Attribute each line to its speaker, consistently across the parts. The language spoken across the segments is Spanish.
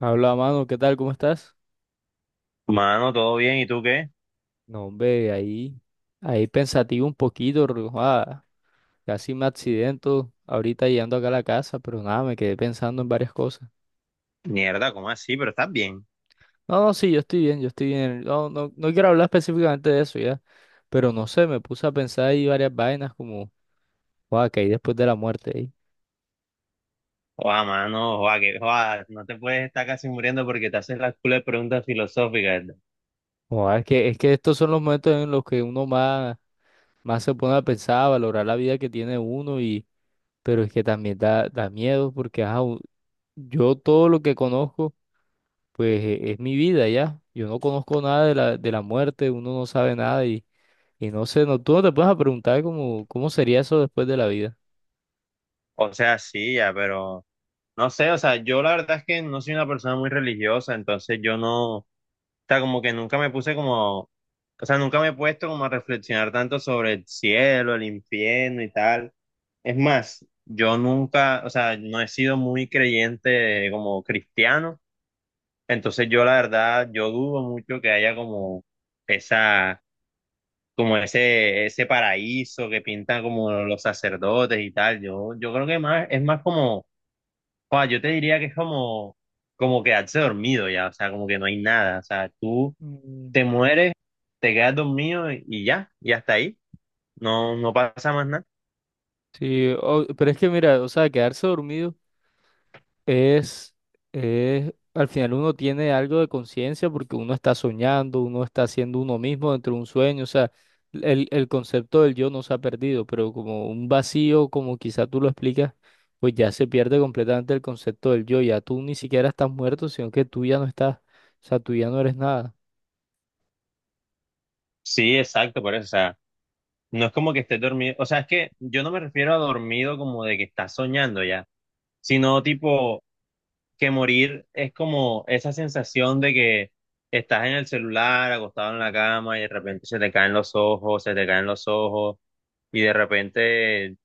Speaker 1: Habla, mano, ¿qué tal? ¿Cómo estás?
Speaker 2: Mano, todo bien, ¿y tú qué?
Speaker 1: No, hombre, ahí, ahí pensativo un poquito, casi me accidento ahorita llegando acá a la casa, pero nada, me quedé pensando en varias cosas.
Speaker 2: Mierda, ¿cómo así? Pero estás bien.
Speaker 1: No, no, sí, yo estoy bien, yo estoy bien. No, no, no quiero hablar específicamente de eso ya, pero no sé, me puse a pensar ahí varias vainas como, wow, que hay después de la muerte ahí.
Speaker 2: Joa, mano, joa, que, joa, no te puedes estar casi muriendo porque te haces las culas preguntas filosóficas.
Speaker 1: Guau, es que estos son los momentos en los que uno más se pone a pensar, a valorar la vida que tiene uno y, pero es que también da miedo porque, yo todo lo que conozco. Pues es mi vida ya. Yo no conozco nada de la muerte, uno no sabe nada y, y no sé, no, tú no te puedes preguntar cómo, cómo sería eso después de la vida.
Speaker 2: O sea, sí, ya, pero no sé, o sea, yo la verdad es que no soy una persona muy religiosa, entonces yo no, o sea, como que nunca me puse como, o sea, nunca me he puesto como a reflexionar tanto sobre el cielo, el infierno y tal. Es más, yo nunca, o sea, no he sido muy creyente como cristiano. Entonces yo la verdad, yo dudo mucho que haya como esa, como ese paraíso que pintan como los sacerdotes y tal. Yo creo que más, es más como, joa, yo te diría que es como, como quedarse dormido ya, o sea, como que no hay nada. O sea, tú
Speaker 1: Mm.
Speaker 2: te mueres, te quedas dormido y ya, y hasta ahí. No pasa más nada.
Speaker 1: Sí, pero es que mira, o sea, quedarse dormido. Es, al final uno tiene algo de conciencia porque uno está soñando, uno está siendo uno mismo dentro de un sueño, o sea, el concepto del yo no se ha perdido, pero como un vacío, como quizá tú lo explicas, pues ya se pierde completamente el concepto del yo, ya tú ni siquiera estás muerto, sino que tú ya no estás, o sea, tú ya no eres nada,
Speaker 2: Sí, exacto, por eso, o sea, no es como que estés dormido, o sea, es que yo no me refiero a dormido como de que estás soñando ya, sino tipo que morir es como esa sensación de que estás en el celular, acostado en la cama y de repente se te caen los ojos, se te caen los ojos y de repente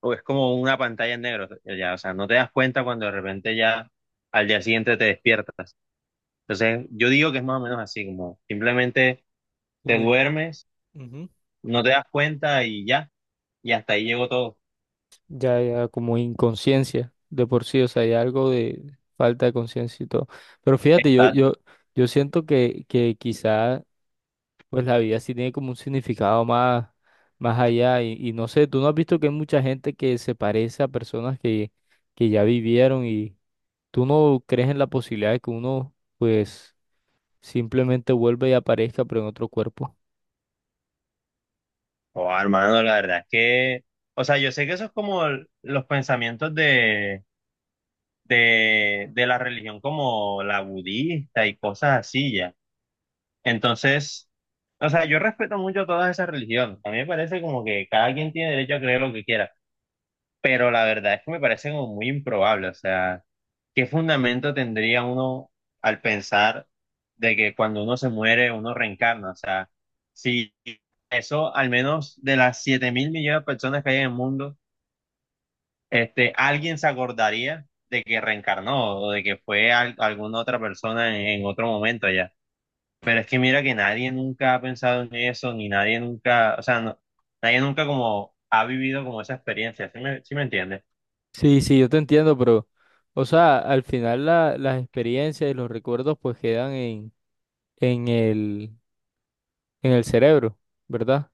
Speaker 2: o es como una pantalla en negro, ya, o sea, no te das cuenta cuando de repente ya al día siguiente te despiertas. Entonces, yo digo que es más o menos así, como simplemente te
Speaker 1: como
Speaker 2: duermes,
Speaker 1: ujú.
Speaker 2: no te das cuenta y ya, y hasta ahí llegó todo.
Speaker 1: Ya, ya como inconsciencia de por sí, o sea, hay algo de falta de conciencia y todo. Pero fíjate, yo,
Speaker 2: Está,
Speaker 1: yo, yo siento que quizá pues la vida sí tiene como un significado más, más allá y no sé, ¿tú no has visto que hay mucha gente que se parece a personas que ya vivieron y tú no crees en la posibilidad de que uno pues simplemente vuelva y aparezca pero en otro cuerpo?
Speaker 2: oh, hermano, la verdad es que, o sea, yo sé que eso es como los pensamientos de la religión como la budista y cosas así ya. Entonces, o sea, yo respeto mucho todas esas religiones. A mí me parece como que cada quien tiene derecho a creer lo que quiera, pero la verdad es que me parece como muy improbable. O sea, ¿qué fundamento tendría uno al pensar de que cuando uno se muere, uno reencarna? O sea, si eso al menos de las 7.000 millones de personas que hay en el mundo, este, alguien se acordaría de que reencarnó o de que fue alguna otra persona en otro momento ya. Pero es que mira que nadie nunca ha pensado en eso, ni nadie nunca, o sea, nadie nunca como ha vivido como esa experiencia, sí me entiendes?
Speaker 1: Sí, sí, yo te entiendo, pero o sea, al final las experiencias y los recuerdos pues quedan en el, en el cerebro, ¿verdad?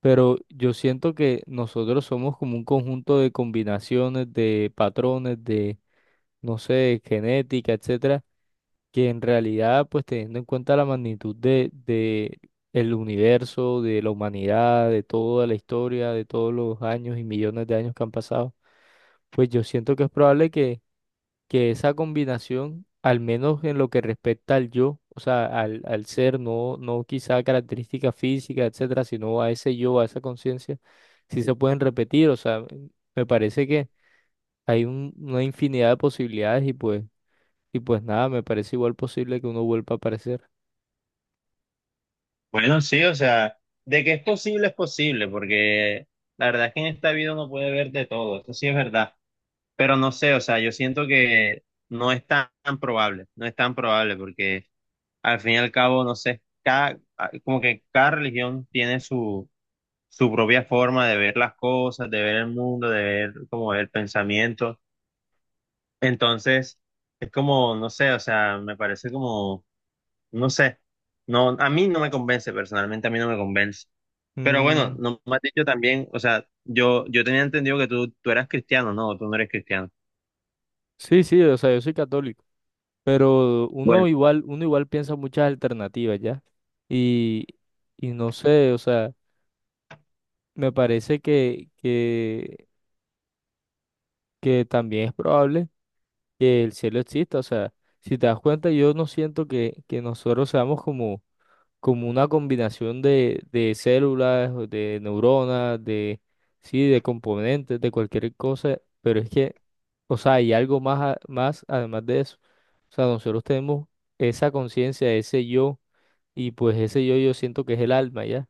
Speaker 1: Pero yo siento que nosotros somos como un conjunto de combinaciones, de patrones, de no sé, genética, etcétera, que en realidad, pues teniendo en cuenta la magnitud de el universo, de la humanidad, de toda la historia, de todos los años y millones de años que han pasado, pues yo siento que es probable que esa combinación, al menos en lo que respecta al yo, o sea, al, al ser, no, no quizá a características físicas, etcétera, sino a ese yo, a esa conciencia, sí se pueden repetir, o sea, me parece que hay una infinidad de posibilidades y pues nada, me parece igual posible que uno vuelva a aparecer.
Speaker 2: Bueno, sí, o sea, de que es posible, porque la verdad es que en esta vida uno puede ver de todo, eso sí es verdad. Pero no sé, o sea, yo siento que no es tan, tan probable, no es tan probable, porque al fin y al cabo, no sé, cada, como que cada religión tiene su, su propia forma de ver las cosas, de ver el mundo, de ver como el pensamiento. Entonces, es como, no sé, o sea, me parece como, no sé, no, a mí no me convence, personalmente a mí no me convence. Pero bueno,
Speaker 1: Mm,
Speaker 2: no me has dicho también, o sea, yo tenía entendido que tú eras cristiano, no, tú no eres cristiano.
Speaker 1: sí, sí, o sea, yo soy católico, pero
Speaker 2: Bueno,
Speaker 1: uno igual piensa muchas alternativas, ¿ya? Y, y no sé, o sea, me parece que también es probable que el cielo exista, o sea, si te das cuenta, yo no siento que nosotros seamos como como una combinación de células, o de neuronas, de, sí, de componentes, de cualquier cosa, pero es que, o sea, hay algo más, más además de eso. O sea, nosotros tenemos esa conciencia, ese yo, y pues ese yo siento que es el alma, ¿ya?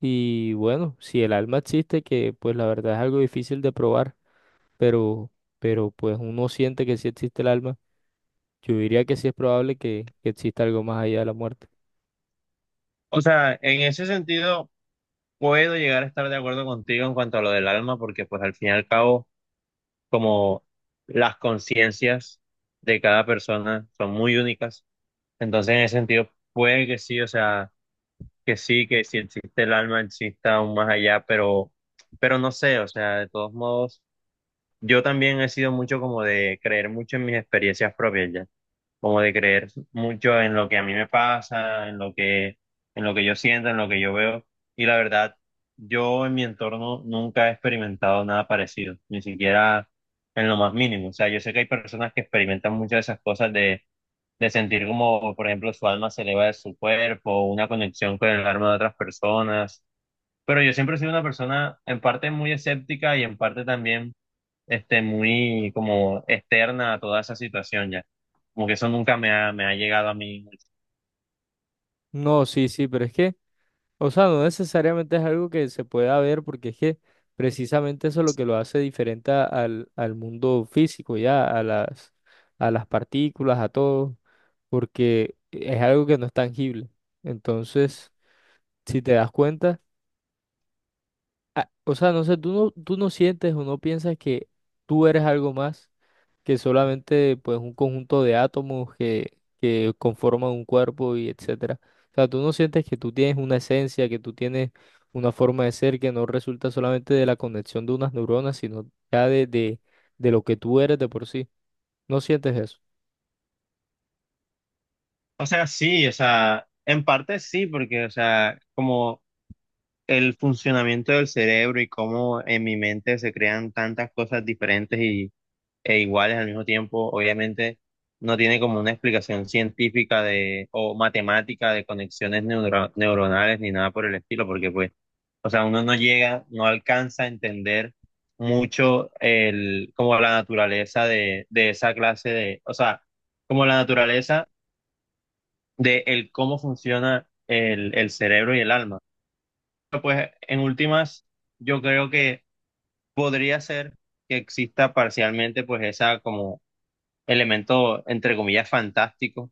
Speaker 1: Y bueno, si el alma existe, que pues la verdad es algo difícil de probar, pero, pero pues uno siente que sí existe el alma, yo diría que sí es probable que exista algo más allá de la muerte.
Speaker 2: o sea, en ese sentido puedo llegar a estar de acuerdo contigo en cuanto a lo del alma, porque pues al fin y al cabo como las conciencias de cada persona son muy únicas. Entonces, en ese sentido, puede que sí, o sea, que sí, que si existe el alma, exista aún más allá, pero no sé, o sea, de todos modos, yo también he sido mucho como de creer mucho en mis experiencias propias, ya como de creer mucho en lo que a mí me pasa, en lo que yo siento, en lo que yo veo. Y la verdad, yo en mi entorno nunca he experimentado nada parecido, ni siquiera en lo más mínimo. O sea, yo sé que hay personas que experimentan muchas de esas cosas de sentir como, por ejemplo, su alma se eleva de su cuerpo, una conexión con el alma de otras personas. Pero yo siempre he sido una persona en parte muy escéptica y en parte también este, muy como externa a toda esa situación ya. Como que eso nunca me ha, me ha llegado a mí mucho.
Speaker 1: No, sí, sí, pero es que... O sea, no necesariamente es algo que se pueda ver porque es que precisamente eso es lo que lo hace diferente al, al mundo físico, ya, a las partículas, a todo, porque es algo que no es tangible. Entonces, si te das cuenta, o sea, no sé, tú no, ¿tú no sientes o no piensas que tú eres algo más, que solamente pues un conjunto de átomos que conforman un cuerpo y etcétera? O sea, ¿tú no sientes que tú tienes una esencia, que tú tienes una forma de ser que no resulta solamente de la conexión de unas neuronas, sino ya de lo que tú eres de por sí? ¿No sientes eso?
Speaker 2: O sea, sí, o sea, en parte sí, porque, o sea, como el funcionamiento del cerebro y cómo en mi mente se crean tantas cosas diferentes y, e iguales al mismo tiempo, obviamente no tiene como una explicación científica de, o matemática de conexiones neuronales ni nada por el estilo, porque pues o sea, uno no llega, no alcanza a entender mucho el, como la naturaleza de esa clase de, o sea, como la naturaleza de el cómo funciona el cerebro y el alma. Pero, pues en últimas, yo creo que podría ser que exista parcialmente pues esa como elemento, entre comillas, fantástico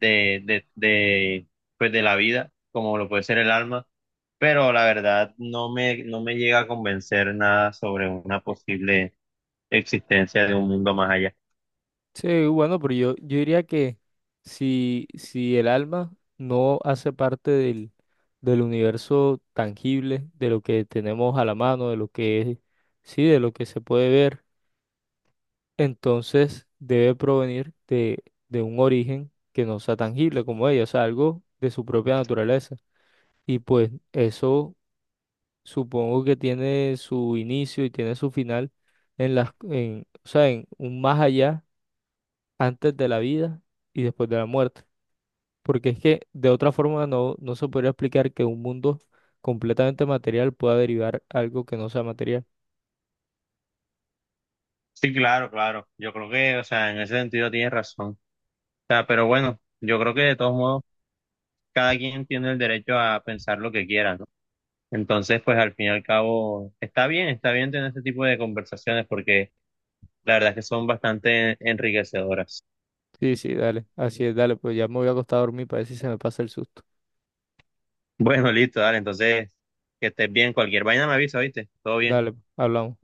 Speaker 2: de pues de la vida, como lo puede ser el alma, pero la verdad no me, no me llega a convencer nada sobre una posible existencia de un mundo más allá.
Speaker 1: Sí, bueno, pero yo diría que si, si el alma no hace parte del, del universo tangible, de lo que tenemos a la mano, de lo que es, sí, de lo que se puede ver, entonces debe provenir de un origen que no sea tangible como ella, o sea, algo de su propia naturaleza. Y pues eso supongo que tiene su inicio y tiene su final en las, en, o sea, en un más allá antes de la vida y después de la muerte. Porque es que de otra forma no, no se podría explicar que un mundo completamente material pueda derivar algo que no sea material.
Speaker 2: Sí, claro, claro, yo creo que, o sea, en ese sentido tienes razón. O sea, pero bueno, yo creo que de todos modos, cada quien tiene el derecho a pensar lo que quiera, ¿no? Entonces, pues al fin y al cabo, está bien tener este tipo de conversaciones porque la verdad es que son bastante enriquecedoras.
Speaker 1: Sí, sí, dale, así es, dale, pues ya me voy a acostar a dormir para ver si se me pasa el susto.
Speaker 2: Bueno, listo, dale. Entonces, que estés bien. Cualquier vaina me avisa, ¿viste? Todo bien.
Speaker 1: Dale, hablamos.